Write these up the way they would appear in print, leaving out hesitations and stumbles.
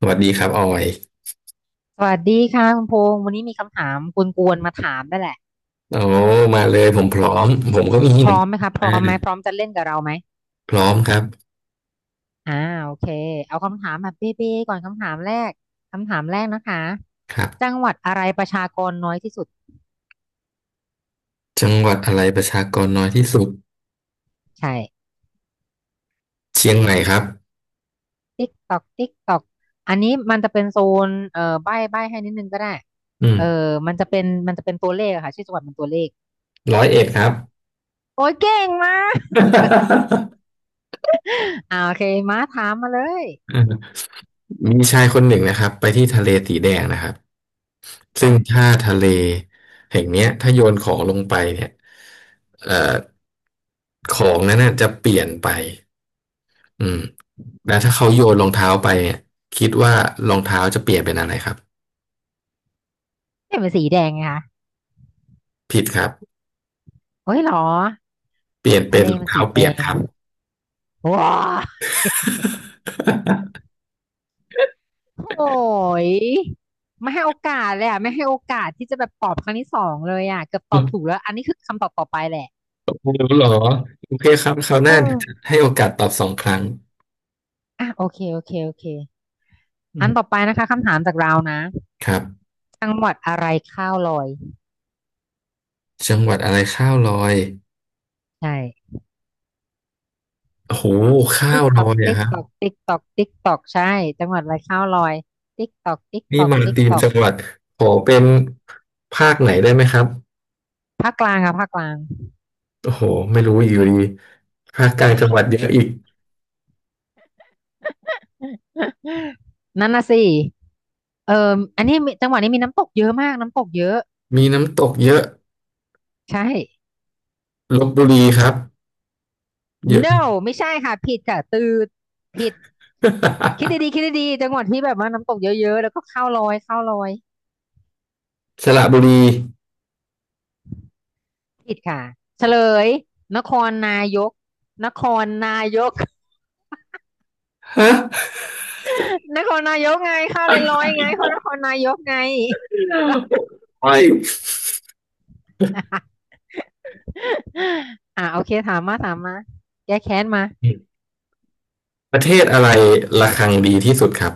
สวัสดีครับออยสวัสดีค่ะคุณพงษ์วันนี้มีคำถามกวนๆมาถามนั่นแหละโอ้มาเลยผมพร้อมผมก็มีพเหมือร้นอกัมไหมคะนพนะร้อมไหมพร้อมจะเล่นกับเราไหมพร้อมครับอ่าโอเคเอาคำถามแบบเบ๊ๆก่อนคำถามแรกคำถามแรกนะคะครัจังบหวัดอะไรประชากรน้อยที่สุดจังหวัดอะไรประชากรน้อยที่สุดใช่เชียงใหม่ครับติ๊กตอกติ๊กตอกอันนี้มันจะเป็นโซนใบ้ใบ้ให้นิดนึงก็ได้อืมเออมันจะเป็นตัวเลขอะค่ะชื่อจังหวัดเป็นตัวเลขร้อยเอ็ดครับ โอ้ยเก่งมาก โอเคมาถามมาเลย มมีชายคนหนึ่งนะครับไปที่ทะเลสีแดงนะครับซึ่งค่ะถ้าทะเลแห่งเนี้ยถ้าโยนของลงไปเนี่ยเอ่อของนั้นน่ะจะเปลี่ยนไปอืมแล้วถ้าเขาโยนรองเท้าไปเนี่ยคิดว่ารองเท้าจะเปลี่ยนเป็นอะไรครับเนี่ยมันสีแดงไงคะผิดครับ โอ้ยเหรอเปลี่ยนเป็ทะนเลรองมันเท้าสีแดเปียกง ครับ ว้าโอ้ยไม่ให้โอกาสเลยอ่ะไม่ให้โอกาสที่จะแบบตอบครั้งที่สองเลยอ่ะเกือบตอบถูกแล้ว อันนี้คือคำตอบต่อไปแหละไม่รู้หรอ โอเคครับคราวหน้าเดี๋ยวจะเออให้โอกาสตอบสองครั้งอ่ะโอเคอือันต่อมไปนะคะคำถามจากเรานะครับจังหวัดอะไรข้าวลอยจังหวัดอะไรข้าวลอยใช่โอ้โหข้าติ๊วกตลออกยอะติ๊กครับตอกติ๊กตอกติ๊กตอกใช่จังหวัดอะไรข้าวลอย ติ๊กตอกติ๊กตนี่อกมาติ๊กตีตมอกจังหวัดขอเป็นภาคไหนได้ไหมครับภาคกลางค่ะภาคกลาง โอ้โหไม่รู้อยู่ดีภาคกลางจังหวัดเยอะอีก นั่นน่ะสิเอออันนี้มีจังหวัดนี้มีน้ำตกเยอะมากน้ำตกเยอะมีน้ำตกเยอะใช่ ลพบุรีครับเยอะ no ไม่ใช่ค่ะผิดค่ะตืดผิดคิด ดีๆคิดดีๆจังหวัดที่แบบว่าน้ำตกเยอะๆแล้วก็ข้าวลอยข้าวลอยสระบุรีผิดค่ะเฉลยนครนายกนครนายก ฮะ นครนายกไงข้าวเลยลอยไงคนนครนายกไง ไม่ โอเคถามมาถามมาแก้แค้นมาประเทศอะไรระฆังดีที่สุดครับ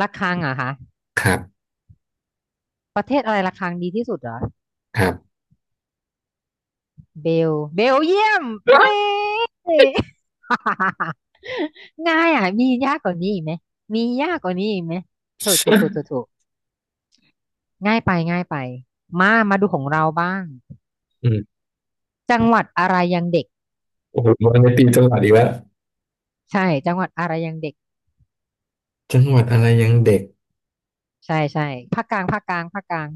ระฆังเหรอคะครับ ประเทศอะไรระฆังดีที่สุดเหรอ ครับเบลเยี่ยมนี่ ง่ายอ่ะมียากกว่านี้อีกไหมมียากกว่านี้อีกไหมถูกถูกถูกถูกถูกง่ายไปง่ายไปมามาดูของเราบ้างอืมจังหวัดอะไรยังเด็กโอ้โหมันในตีจังหวัดอีกแล้วใช่จังหวัดอะไรยังเด็กจังหวัดอะไรยังเด็ก ใช่ใช่ภาคกลาง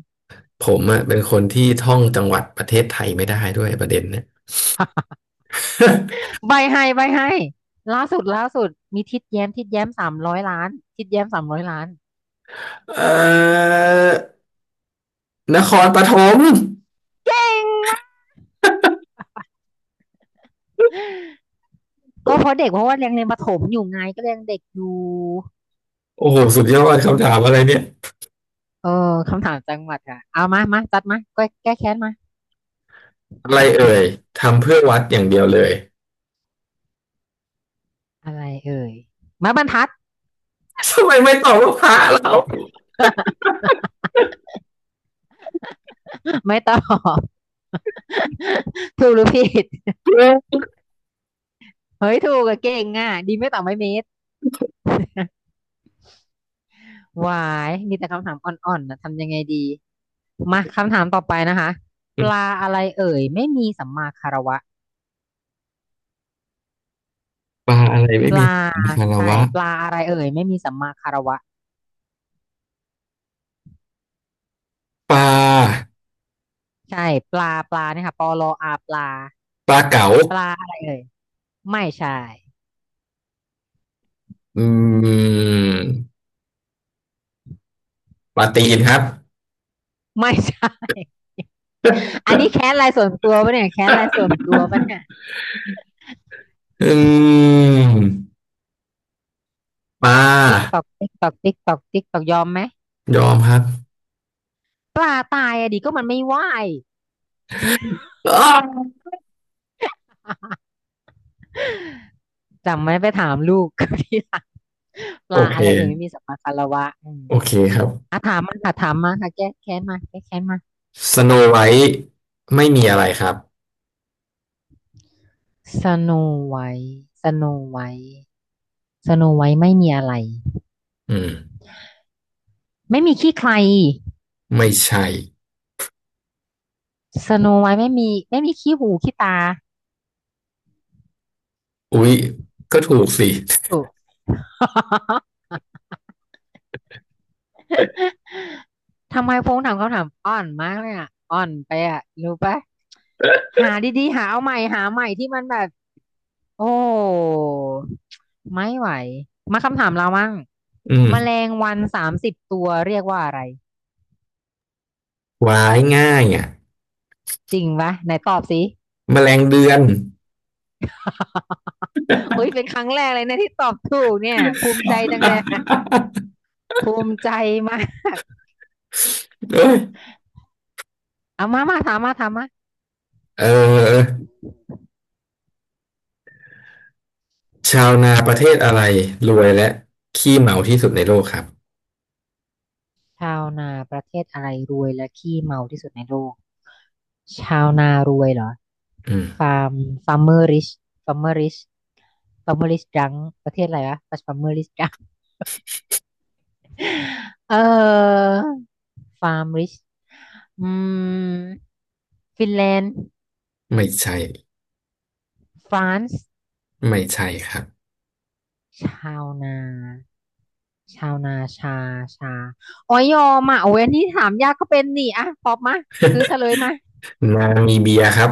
ผมอะเป็นคนที่ท่องจังหวัดประเทศไทยไม่ได้ด้วยประเด็นเนี่ย ใบให้ใบให้ล่าสุดล่าสุดมีทิดแย้มทิดแย้มสามร้อยล้านทิดแย้มสามร้อยล้านเอ่อนครปฐมเก่งมากก็เพราะเด็กเพราะว่ายังเรียนประถมอยู่ไงก็เรียนเด็กอยู่ โอ้โหสุดยอดคำถามอะไรเนี่ยโอ้คำถามจังหวัดค่ะเอามามาจัดมาแก้แค้นมาอะไรเอ่ยทำเพื่อวัดอย่างเดียวเลย อะไรเอ่ยไม้บรรทัด ทำไมไม่ตอบว่าพระเรา ไม่ตอบ ถูกหรือผิดเฮ้ยถูกอะเก่งอ่ะดีไม่ตอบไม่เมตรวายมีแต่คำถามอ่อนๆนะทำยังไงดีมาคำถามต่อไปนะคะปลาอะไรเอ่ยไม่มีสัมมาคารวะปลาอะไรไม่ปมีลาคารใช่วะปลาอะไรเอ่ยไม่มีสัมมาคารวะปลาใช่ปลาเนี่ยค่ะปลออาปลาปลาเก๋า ปลาอะไรเอ่ยไม่ใช่อืมปลาตีนครับไม่ใช่ อันนี้แค้นรายส่วนตัวปะเนี่ยแค้นรายส่วนตัวปะเนี่ยอืมปลติ๊กตอากติ๊กตอกติ๊กตอกติ๊กตอกยอมไหมยอมครับปลาตายอะดิก็มันไม่ว่า ยอ้าวจำไม่ไปถามลูก ทีหลังปโอลาเคอะไรเอ่ยไม่มีสัมมาคารวะอืมโอเคครับอ่ะถามมาค่ะถามมาค่ะแก้แค้นมาแก้แค้นมาสโนไวท์ไม่มีอะไรครับสโนไวท์สโนไวท์สโนไวท์ไม่มีอะไรอืมไม่มีขี้ใครไม่ใช่สโนไวท์ไม่มีขี้หูขี้ตาอุ๊ยก็ถูกสิถูก ทำไมพงษ์ถามคำถามอ่อนมากเลยอ่ะอ่อนไปอ่ะรู้ปะหาดีๆหาเอาใหม่หาใหม่ที่มันแบบโอ้ไม่ไหวมาคำถามเรามั่งอืแมลมงวัน30ตัวเรียกว่าอะไรวายง่ายอ่ะจริงปะไหนตอบสิ แมลงเดือน โอ้ ยเป็นครั้งแรกเลยนะที่ตอบถูกเนี่ยภูมิใจจังเลย ภูมิใจมากเอ้ยเอามามาถามมาถามมาเออชาวนาประเทศอะไรรวยและขี้เมาที่สุดในโลกครับชาวนาประเทศอะไรรวยและขี้เมาที่สุดในโลก ชาวนารวยเหรออืมฟาร์มฟาร์มเมอร์ริชฟาร์มเมอร์ริชฟาร์มเมอร์ริชดังประเทศอะไรวะฟาร์ม เมอร์ริชดังเออฟาร์มริชอืมฟินแลนด์ไม่ใช่ฟรานซ์ไม่ใช่ครับ ชาวนาชาวนาชาชาอ๋อยอมอ่ะโอ้ยอันนี้ถามยากก็เป็นนี่อ่ะตอบมาคือเฉลยมา นามีเบียครับ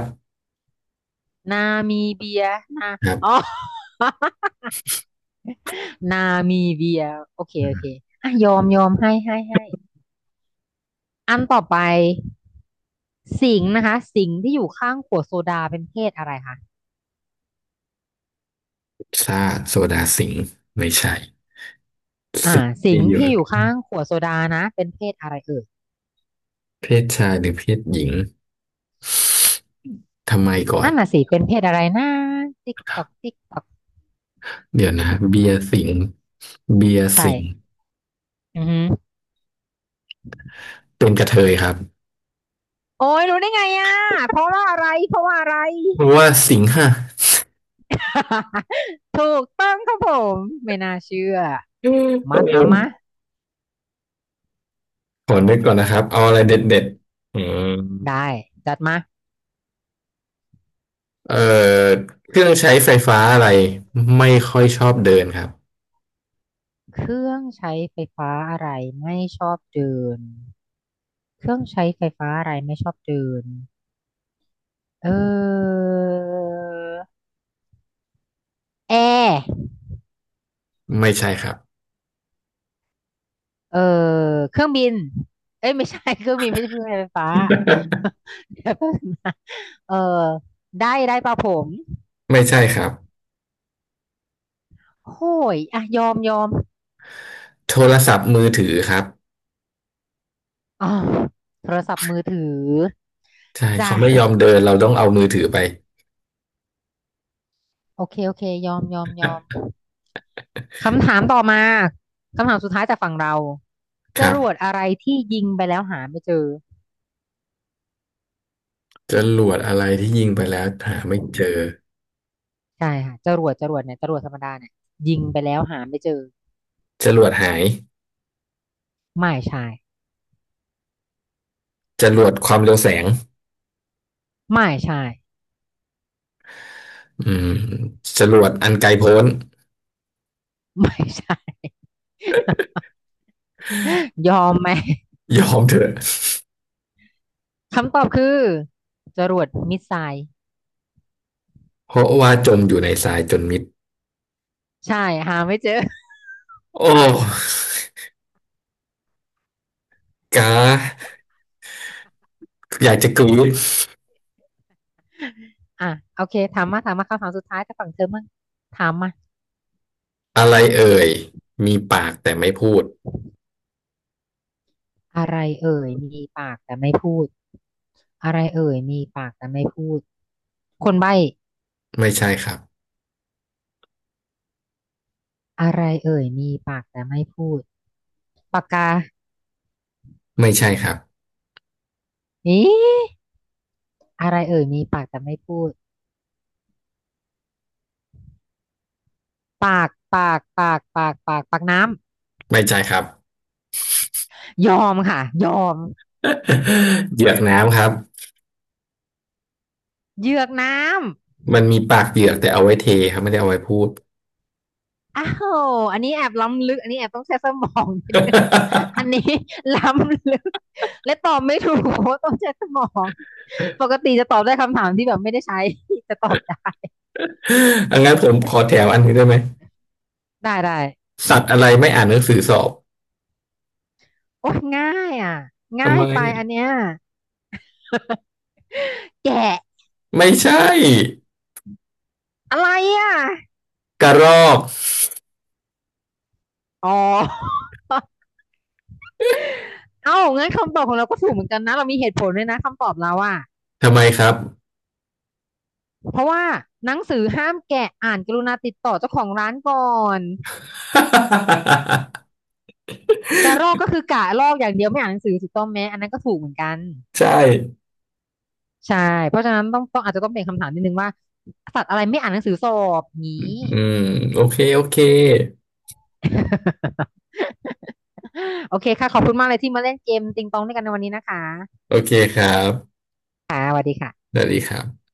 นามีเบียนาอ๋อ นามิเบียโอเคโอเคอ่ะยอมให้ให้ให้อันต่อไปสิงห์นะคะสิงห์ที่อยู่ข้างขวดโซดาเป็นเพศอะไรคะซ่าติโซดาสิงห์ไม่ใช่อ่าสิงห์สิที่งห์อยู่ที่อยู่ข้างขวดโซดานะเป็นเพศอะไรเอ่ยเพศชายหรือเพศหญิงทำไมก่อนนั่นน่ะสิเป็นเพศอะไรนะติ๊กตอกติ๊กตอกเดี๋ยวนะเบียร์สิงห์เบียร์ใช่สิงห์อือหือเป็นกระเทยครับโอ้ยรู้ได้ไงอ่ะเพราะว่าอะไร เพราะว่าสิงห์ฮะ ถูกต้องครับผมไม่น่าเชื่ออืมขอมานถามมาึกก่อนนะครับเอาอะไรเด็ดๆอืมได้จัดมาเอ่อเครื่องใช้ไฟฟ้าอะไรไม่ค่อยชอบเดินครับเครื่องใช้ไฟฟ้าอะไรไม่ชอบเดิน เครื่องใช้ไฟฟ้าอะไรไม่ชอบเดินเออแอร์ไม่ใช่ครับเออเครื่องบินเอ้ยไม่ใช่ เครื่องบินไม่ใช่เครื่องใช้ไฟฟ้า เดี๋ยวแป๊บนึงนะเออได้ได้ป่ะผมไม่ใช่ครับโอ้ยอ่ะยอมยอมโทรศัพท์มือถือครับอ๋อโทรศัพท์มือถือใช่จ้ะเขาไม่ยอมเดินเราต้องเอามือถือไปโอเคโอเคยอมยอมยอม คำถามต่อมาคำถามสุดท้ายจากฝั่งเราจครับ รวดอะไรที่ยิงไปแล้วหาไม่เจอ จรวดอะไรที่ยิงไปแล้วหาไม่เจอใช่ค่ะจรวดเนี่ยจรวดธรรมดาเนี่ยยิงไปแล้วหาไม่เจอจรวดหายไม่ใช่จรวดความเร็วแสงไม่ใช่ อืมจรวดอันไกลโพ้น ไม่ใช่ยอมไหมยอมเถอะคำตอบคือจรวดมิสไซล์เพราะว่าจมอยู่ในทรายจนมิดใช่หาไม่เจอโอ้กาอยากจะกรี๊ดอ่ะโอเคถามมาถามมาคำถามสุดท้ายจ้ากฝั่งเธอมั่งถามมาอะไรเอ่ยมีปากแต่ไม่พูดอะไรเอ่ยมีปากแต่ไม่พูดอะไรเอ่ยมีปากแต่ไม่พูดคนใบ้ไม่ใช่ครับอะไรเอ่ยมีปากแต่ไม่พูดปากกาไม่ใช่ครับนี่อะไรเอ่ยมีปากแต่ไม่พูด ปากปากปากปากปากปากน้ไม่ใช่ครับ ำยอมค่ะยอมเหยือกน้ำครับเหยือกน้ำมันมีปากเหยือกแต่เอาไว้เทครับไม่ได้เอาไว้พูด อ้าวอันนี้แอบล้ำลึกอันนี้แอบต้องใช้สมองนิดนึงอันนี้ล้ำลึกและตอบไม่ถูกเพราะต้องใช้สมองปกติจะตอบได้คำถามที่แบบไม่ได้ใช้ จะตอบได้อังั้นผมขอแถวอันนี้ได้ไหม ได้ได้สัตว์อะไรไม่อ่านหนังสือสอบโอ้ยง่ายอ่ะง่าทำยไมไปอันเนี้ยแกะไม่ใช่อะไรอ่ะกระรอกอ๋อ เอ้างั้นคำตอบของเราก็ถูกเหมือนกันนะเรามีเหตุผลด้วยนะคำตอบเราอ่ะ ทำไมครับ เพราะว่าหนังสือห้ามแกะอ่านกรุณาติดต่อเจ้าของร้านก่อน กระรอกก็คือกะลอกอย่างเดียวไม่อ่านหนังสือถูกต้องไหมอันนั้นก็ถูกเหมือนกันใช่ใช่เพราะฉะนั้นต้องอาจจะต้องเป็นคำถามนิดนึงว่าสัตว์อะไรไม่อ่านหนังสือสอบนี้ อืมโอเคโอเค โอเคค่ะขอบคุณมากเลยที่มาเล่นเกมติงตองด้วยกันในวันนี้นะคะโอเคครับสวัสดีครับ